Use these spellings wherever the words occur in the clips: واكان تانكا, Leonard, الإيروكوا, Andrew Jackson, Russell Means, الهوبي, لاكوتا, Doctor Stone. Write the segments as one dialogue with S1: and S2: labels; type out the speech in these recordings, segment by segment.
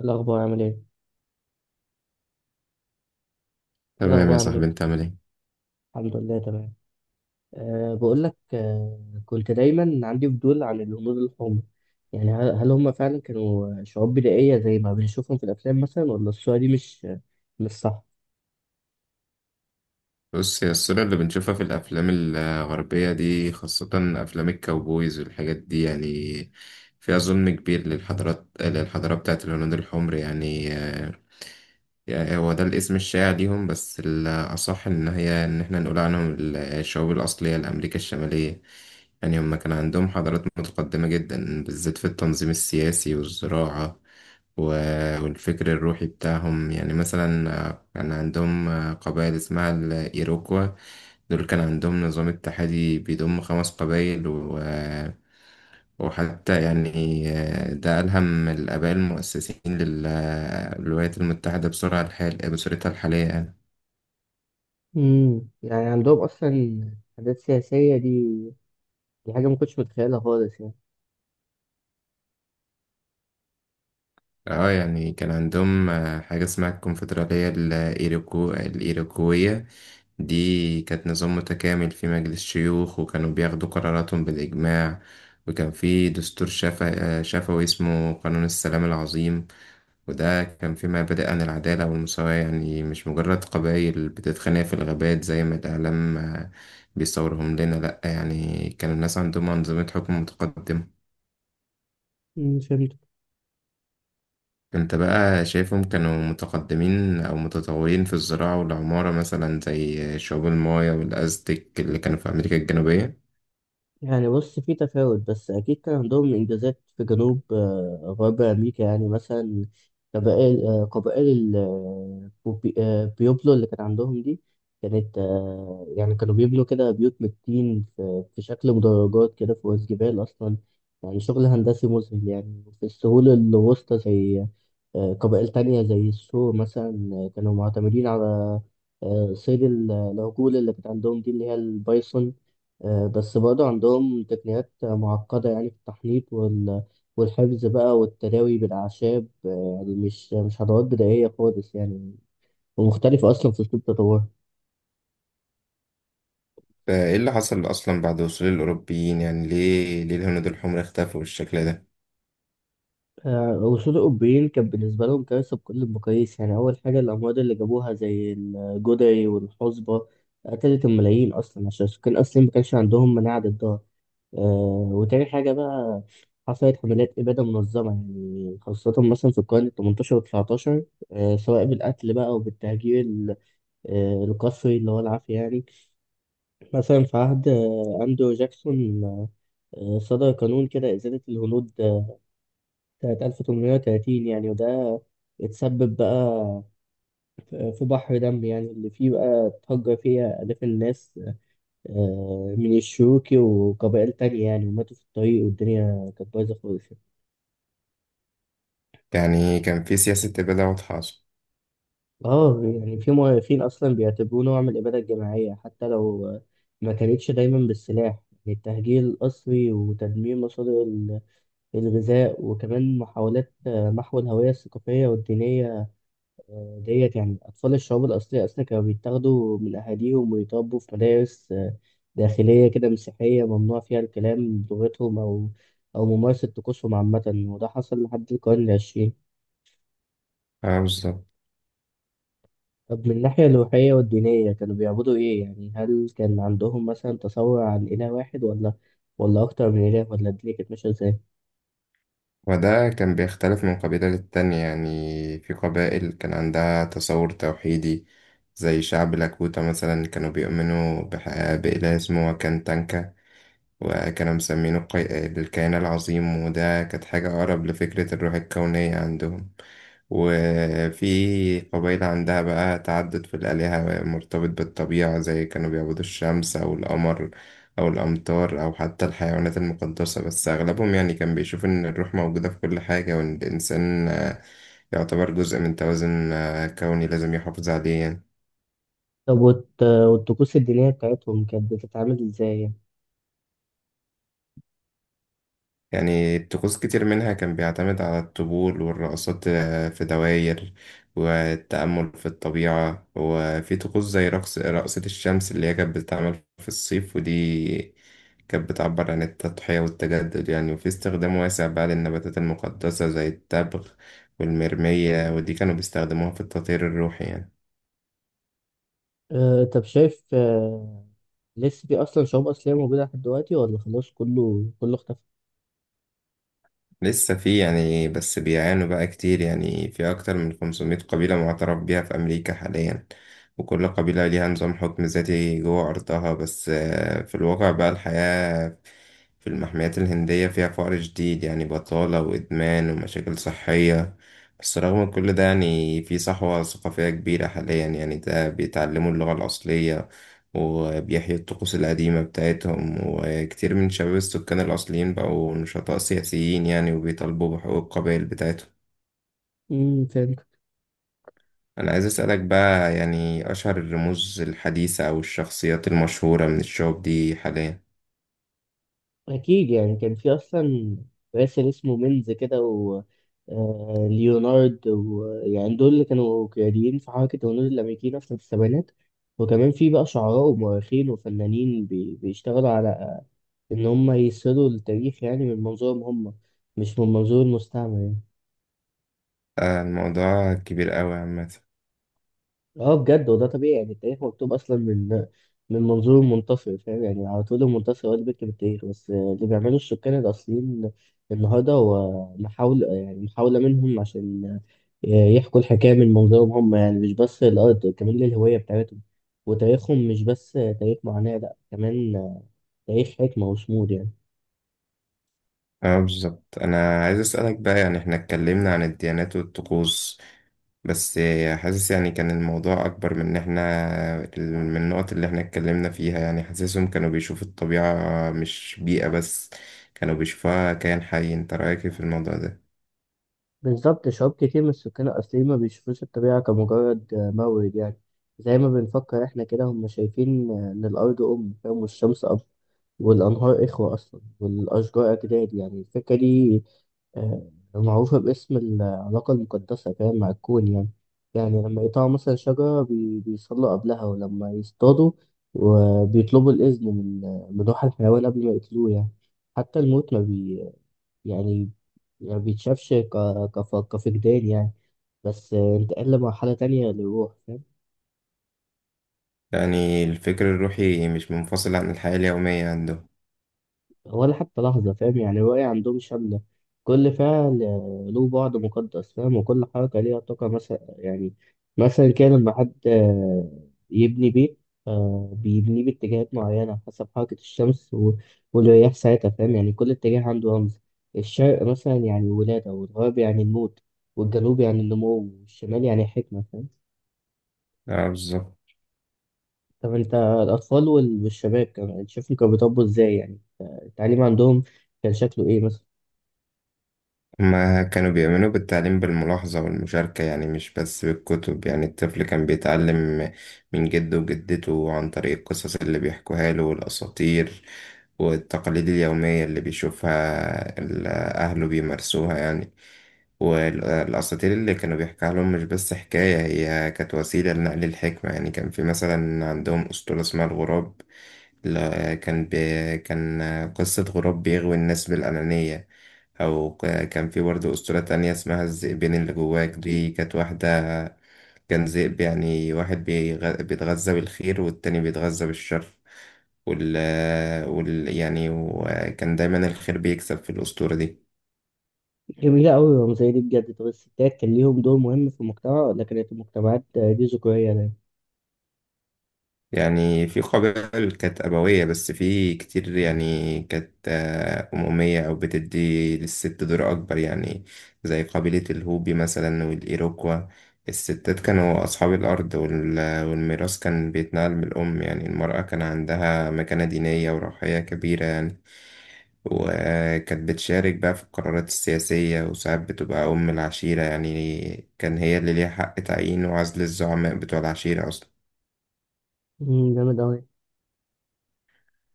S1: الأخبار عامل إيه؟
S2: تمام يا
S1: الأخبار عامل
S2: صاحبي،
S1: إيه؟
S2: انت عامل ايه؟
S1: الحمد لله تمام. بقول لك كنت دايما عندي فضول عن الهنود الحمر. يعني هل هم فعلا كانوا شعوب بدائية زي ما بنشوفهم في الأفلام مثلا، ولا الصورة دي مش صح؟
S2: بص الصورة اللي بنشوفها في الافلام الغربية دي، خاصة افلام الكاوبويز والحاجات دي يعني، فيها ظلم كبير للحضارة بتاعت الهنود الحمر يعني هو ده الاسم الشائع ليهم، بس الأصح إن إحنا نقول عنهم الشعوب الأصلية لأمريكا الشمالية. يعني هم كان عندهم حضارات متقدمة جدا، بالذات في التنظيم السياسي والزراعة و- والفكر الروحي بتاعهم. يعني مثلا كان عندهم قبائل اسمها الإيروكوا، دول كان عندهم نظام اتحادي بيضم خمس قبائل. وحتى يعني ده ألهم الآباء المؤسسين للولايات المتحدة بسرعة الحال بصورتها الحالية يعني.
S1: يعني عندهم أصلا حاجات سياسية دي. دي حاجة ما كنتش متخيلها خالص يعني.
S2: اه يعني كان عندهم حاجة اسمها الكونفدرالية الإيروكوية. دي كانت نظام متكامل، في مجلس شيوخ وكانوا بياخدوا قراراتهم بالإجماع، وكان في دستور شفوي اسمه قانون السلام العظيم. وده كان في مبادئ عن العدالة والمساواة، يعني مش مجرد قبائل بتتخانق في الغابات زي ما الإعلام بيصورهم لنا. لأ، يعني كانوا الناس عندهم أنظمة حكم متقدمة.
S1: امم
S2: انت بقى شايفهم كانوا متقدمين أو متطورين في الزراعة والعمارة مثلا زي شعوب المايا والأزتك اللي كانوا في أمريكا الجنوبية؟
S1: يعني بص، في تفاوت، بس أكيد كان عندهم إنجازات في جنوب غرب أمريكا، يعني مثلا قبائل بيوبلو اللي كان عندهم دي، كانت يعني كانوا بيبنوا كده بيوت من الطين في شكل مدرجات كده فوق الجبال أصلا. يعني شغل هندسي مذهل. يعني في السهول الوسطى زي قبائل تانية زي السور مثلا، كانوا معتمدين على صيد العجول اللي كانت عندهم دي، اللي هي البايسون. بس برضه عندهم تقنيات معقدة يعني في التحنيط والحفظ بقى والتداوي بالأعشاب. يعني مش خطوات بدائية خالص يعني، ومختلفة أصلا في أسلوب تطورها.
S2: فإيه اللي حصل أصلا بعد وصول الأوروبيين؟ يعني ليه الهنود الحمر اختفوا بالشكل ده؟
S1: وصول الأوروبيين كان بالنسبة لهم كارثة بكل المقاييس. يعني أول حاجة، الأمراض اللي جابوها زي الجدعي والحصبة قتلت الملايين أصلا، عشان السكان أصلا ما كانش عندهم مناعة ضدها. وتاني حاجة بقى، حصلت حملات إبادة منظمة، يعني خاصة مثلا في القرن التمنتاشر والتسعتاشر، سواء بالقتل بقى أو بالتهجير القسري اللي هو العافية يعني. مثلا في عهد أندرو جاكسون صدر قانون كده إزالة الهنود سنة 1830، يعني وده اتسبب بقى في بحر دم يعني، اللي فيه بقى اتهجر فيها آلاف الناس، من الشيوخ وقبائل تانية يعني، وماتوا في الطريق، والدنيا كانت بايظة خالص.
S2: يعني كان في سياسة إبادة واضحة أصلا.
S1: اه يعني في مؤرخين اصلا بيعتبروه نوع من الاباده الجماعيه، حتى لو ما كانتش دايما بالسلاح. يعني التهجير القسري وتدمير مصادر الغذاء، وكمان محاولات محو الهويه الثقافيه والدينيه ديت. يعني اطفال الشعوب الاصليه اصلا كانوا بيتاخدوا من اهاليهم ويتربوا في مدارس داخليه كده مسيحيه، ممنوع فيها الكلام بلغتهم او ممارسه طقوسهم عامه. وده حصل لحد القرن العشرين.
S2: اه بالظبط.
S1: طب، من الناحية الروحية والدينية كانوا بيعبدوا إيه؟ يعني هل كان عندهم مثلا تصور عن إله واحد، ولا أكتر من إله، ولا الدنيا كانت ماشية إزاي؟
S2: وده كان بيختلف من قبيلة للتانية. يعني في قبائل كان عندها تصور توحيدي، زي شعب لاكوتا مثلا، كانوا بيؤمنوا بإله اسمه واكان تانكا، وكانوا مسمينه الكيان العظيم، وده كانت حاجة أقرب لفكرة الروح الكونية عندهم. وفي قبيلة عندها بقى تعدد في الآلهة مرتبط بالطبيعة، زي كانوا بيعبدوا الشمس أو القمر أو الأمطار أو حتى الحيوانات المقدسة. بس أغلبهم يعني كان بيشوف إن الروح موجودة في كل حاجة، وإن الإنسان يعتبر جزء من توازن كوني لازم يحافظ عليه يعني.
S1: طب والطقوس الدينية بتاعتهم كانت بتتعامل إزاي يعني؟
S2: يعني طقوس كتير منها كان بيعتمد على الطبول والرقصات في دواير، والتأمل في الطبيعة، وفي طقوس زي رقص رقصة الشمس اللي هي كانت بتتعمل في الصيف، ودي كانت بتعبر عن التضحية والتجدد يعني. وفي استخدام واسع بقى للنباتات المقدسة زي التبغ والمرمية، ودي كانوا بيستخدموها في التطهير الروحي يعني.
S1: أه، طب شايف، لسه في أصلا شعوب أصلية موجودة لحد دلوقتي، ولا خلاص كله اختفى؟
S2: لسه في يعني، بس بيعانوا بقى كتير. يعني في أكتر من 500 قبيلة معترف بيها في أمريكا حاليا، وكل قبيلة ليها نظام حكم ذاتي جوه أرضها. بس في الواقع بقى الحياة في المحميات الهندية فيها فقر شديد يعني، بطالة وإدمان ومشاكل صحية. بس رغم كل ده يعني في صحوة ثقافية كبيرة حاليا، يعني ده بيتعلموا اللغة الأصلية وبيحيي الطقوس القديمة بتاعتهم، وكتير من شباب السكان الأصليين بقوا نشطاء سياسيين يعني وبيطالبوا بحقوق القبائل بتاعتهم.
S1: امم
S2: أنا عايز أسألك بقى، يعني أشهر الرموز الحديثة أو الشخصيات المشهورة من الشعوب دي حاليا؟
S1: أكيد، يعني كان في أصلا راسل اسمه مينز كده، و ليونارد، ويعني دول اللي كانوا قياديين في حركة الهنود الأمريكيين أصلا في السبعينات. وكمان في بقى شعراء ومؤرخين وفنانين بيشتغلوا على إن هم يسردوا التاريخ يعني من منظورهم هم، مش من منظور المستعمر يعني.
S2: الموضوع كبير أوي عامة.
S1: اه بجد، وده طبيعي. يعني التاريخ مكتوب اصلا من من منظور المنتصر، فاهم؟ يعني على طول المنتصر هو اللي بيكتب التاريخ، بس اللي بيعمله السكان الاصليين النهارده هو محاولة، يعني محاولة منهم عشان يحكوا الحكاية من منظورهم هم. يعني مش بس الأرض، كمان للهوية بتاعتهم. وتاريخهم مش بس تاريخ معاناة، لأ، كمان تاريخ حكمة وصمود يعني.
S2: اه بالظبط. أنا عايز أسألك بقى يعني، احنا اتكلمنا عن الديانات والطقوس بس حاسس يعني كان الموضوع أكبر من النقط اللي إحنا اتكلمنا فيها. يعني حاسسهم كانوا بيشوفوا الطبيعة مش بيئة بس، كانوا بيشوفوها كائن حي. أنت رأيك إيه في الموضوع ده؟
S1: بالظبط، شعوب كتير من السكان الأصليين ما بيشوفوش الطبيعة كمجرد مورد، يعني زي ما بنفكر إحنا كده. هم شايفين إن الأرض أم، فاهم، والشمس أب، والأنهار إخوة أصلا، والأشجار أجداد. يعني الفكرة دي معروفة باسم العلاقة المقدسة، فاهم، مع الكون يعني لما يقطعوا مثلا شجرة بيصلوا قبلها، ولما يصطادوا وبيطلبوا الإذن من روح الحيوان قبل ما يقتلوه يعني. حتى الموت ما, بي يعني ما بيتشافش كفقدان يعني، بس انتقل لمرحلة تانية للروح، فاهم.
S2: يعني الفكر الروحي مش منفصل عن الحياة اليومية عندهم.
S1: ولا حتى لحظة، فاهم. يعني الرؤية عندهم شاملة، كل فعل له بعد مقدس، فاهم، وكل حركة ليها طاقة. مثلا يعني مثلا كان لما حد يبني بيت بيبنيه باتجاهات معينة حسب حركة الشمس والرياح ساعتها، فاهم. يعني كل اتجاه عنده رمز، الشرق مثلا يعني ولادة، والغرب يعني الموت، والجنوب يعني النمو، والشمال يعني حكمة، فاهم.
S2: اه بالظبط.
S1: طب انت، الاطفال والشباب كمان شايفهم كانوا بيطبوا ازاي يعني؟ التعليم عندهم كان شكله ايه مثلا؟
S2: ما كانوا بيؤمنوا بالتعليم بالملاحظة والمشاركة يعني، مش بس بالكتب. يعني الطفل كان بيتعلم من جده وجدته عن طريق القصص اللي بيحكوها له، والأساطير والتقاليد اليومية اللي بيشوفها أهله بيمارسوها يعني. والأساطير اللي كانوا بيحكيها لهم مش بس حكاية، هي كانت وسيلة لنقل الحكمة يعني. كان في مثلا عندهم أسطورة اسمها الغراب، لا كان قصة غراب بيغوي الناس بالأنانية. أو كان في برضه أسطورة تانية اسمها الذئبين اللي جواك، دي كانت واحدة، كان ذئب يعني، واحد بيتغذى بالخير والتاني بيتغذى بالشر. وال... يعني وكان دايما الخير بيكسب في الأسطورة دي.
S1: جميلة أوي الرمزية دي بجد. طب الستات كان ليهم دور مهم في المجتمع، ولا كانت المجتمعات دي ذكورية دايما؟
S2: يعني في قبائل كانت أبوية، بس في كتير يعني كانت أمومية أو بتدي للست دور أكبر يعني، زي قبيلة الهوبي مثلا والإيروكوا. الستات كانوا أصحاب الأرض والميراث كان بيتنقل من الأم، يعني المرأة كان عندها مكانة دينية وروحية كبيرة يعني، وكانت بتشارك بقى في القرارات السياسية، وساعات بتبقى أم العشيرة، يعني كان هي اللي ليها حق تعيين وعزل الزعماء بتوع العشيرة أصلا.
S1: مم، جامد أوي.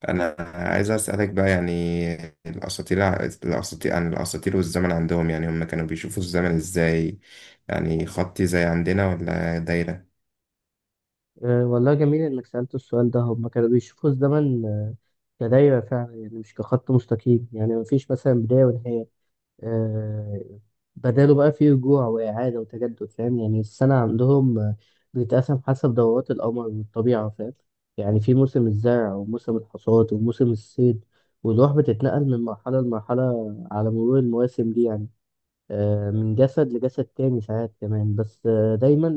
S2: انا عايز اسالك بقى يعني، الاساطير الاساطير عن الاساطير والزمن عندهم. يعني هم كانوا بيشوفوا الزمن ازاي؟ يعني خطي زي عندنا ولا دايره؟
S1: أه والله، جميل إنك سألت السؤال ده. هما كانوا بيشوفوا الزمن كدايرة فعلا، يعني مش كخط مستقيم. يعني مفيش مثلا بداية ونهاية، آه، بداله بقى فيه رجوع وإعادة وتجدد، فاهم. يعني السنة عندهم بتتقسم حسب دورات القمر والطبيعة، فاهم، يعني في موسم الزرع وموسم الحصاد وموسم الصيد. والروح بتتنقل من مرحلة لمرحلة على مرور المواسم دي يعني، من جسد لجسد تاني ساعات كمان، بس دايما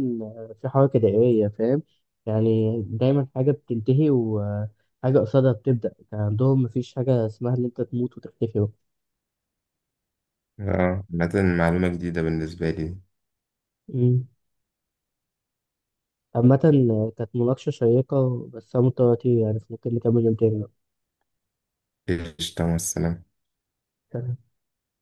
S1: في حركة دائرية، فاهم. يعني دايما حاجة بتنتهي وحاجة قصادها بتبدأ، كان عندهم مفيش حاجة اسمها إن أنت تموت وتختفي.
S2: اه، مثلا معلومه جديده بالنسبه لي.
S1: مم. عامة كانت مناقشة شيقة، بس أنا مضطر أطير يعني، فممكن نكمل يوم تاني
S2: ايش، تمام، السلام.
S1: بقى.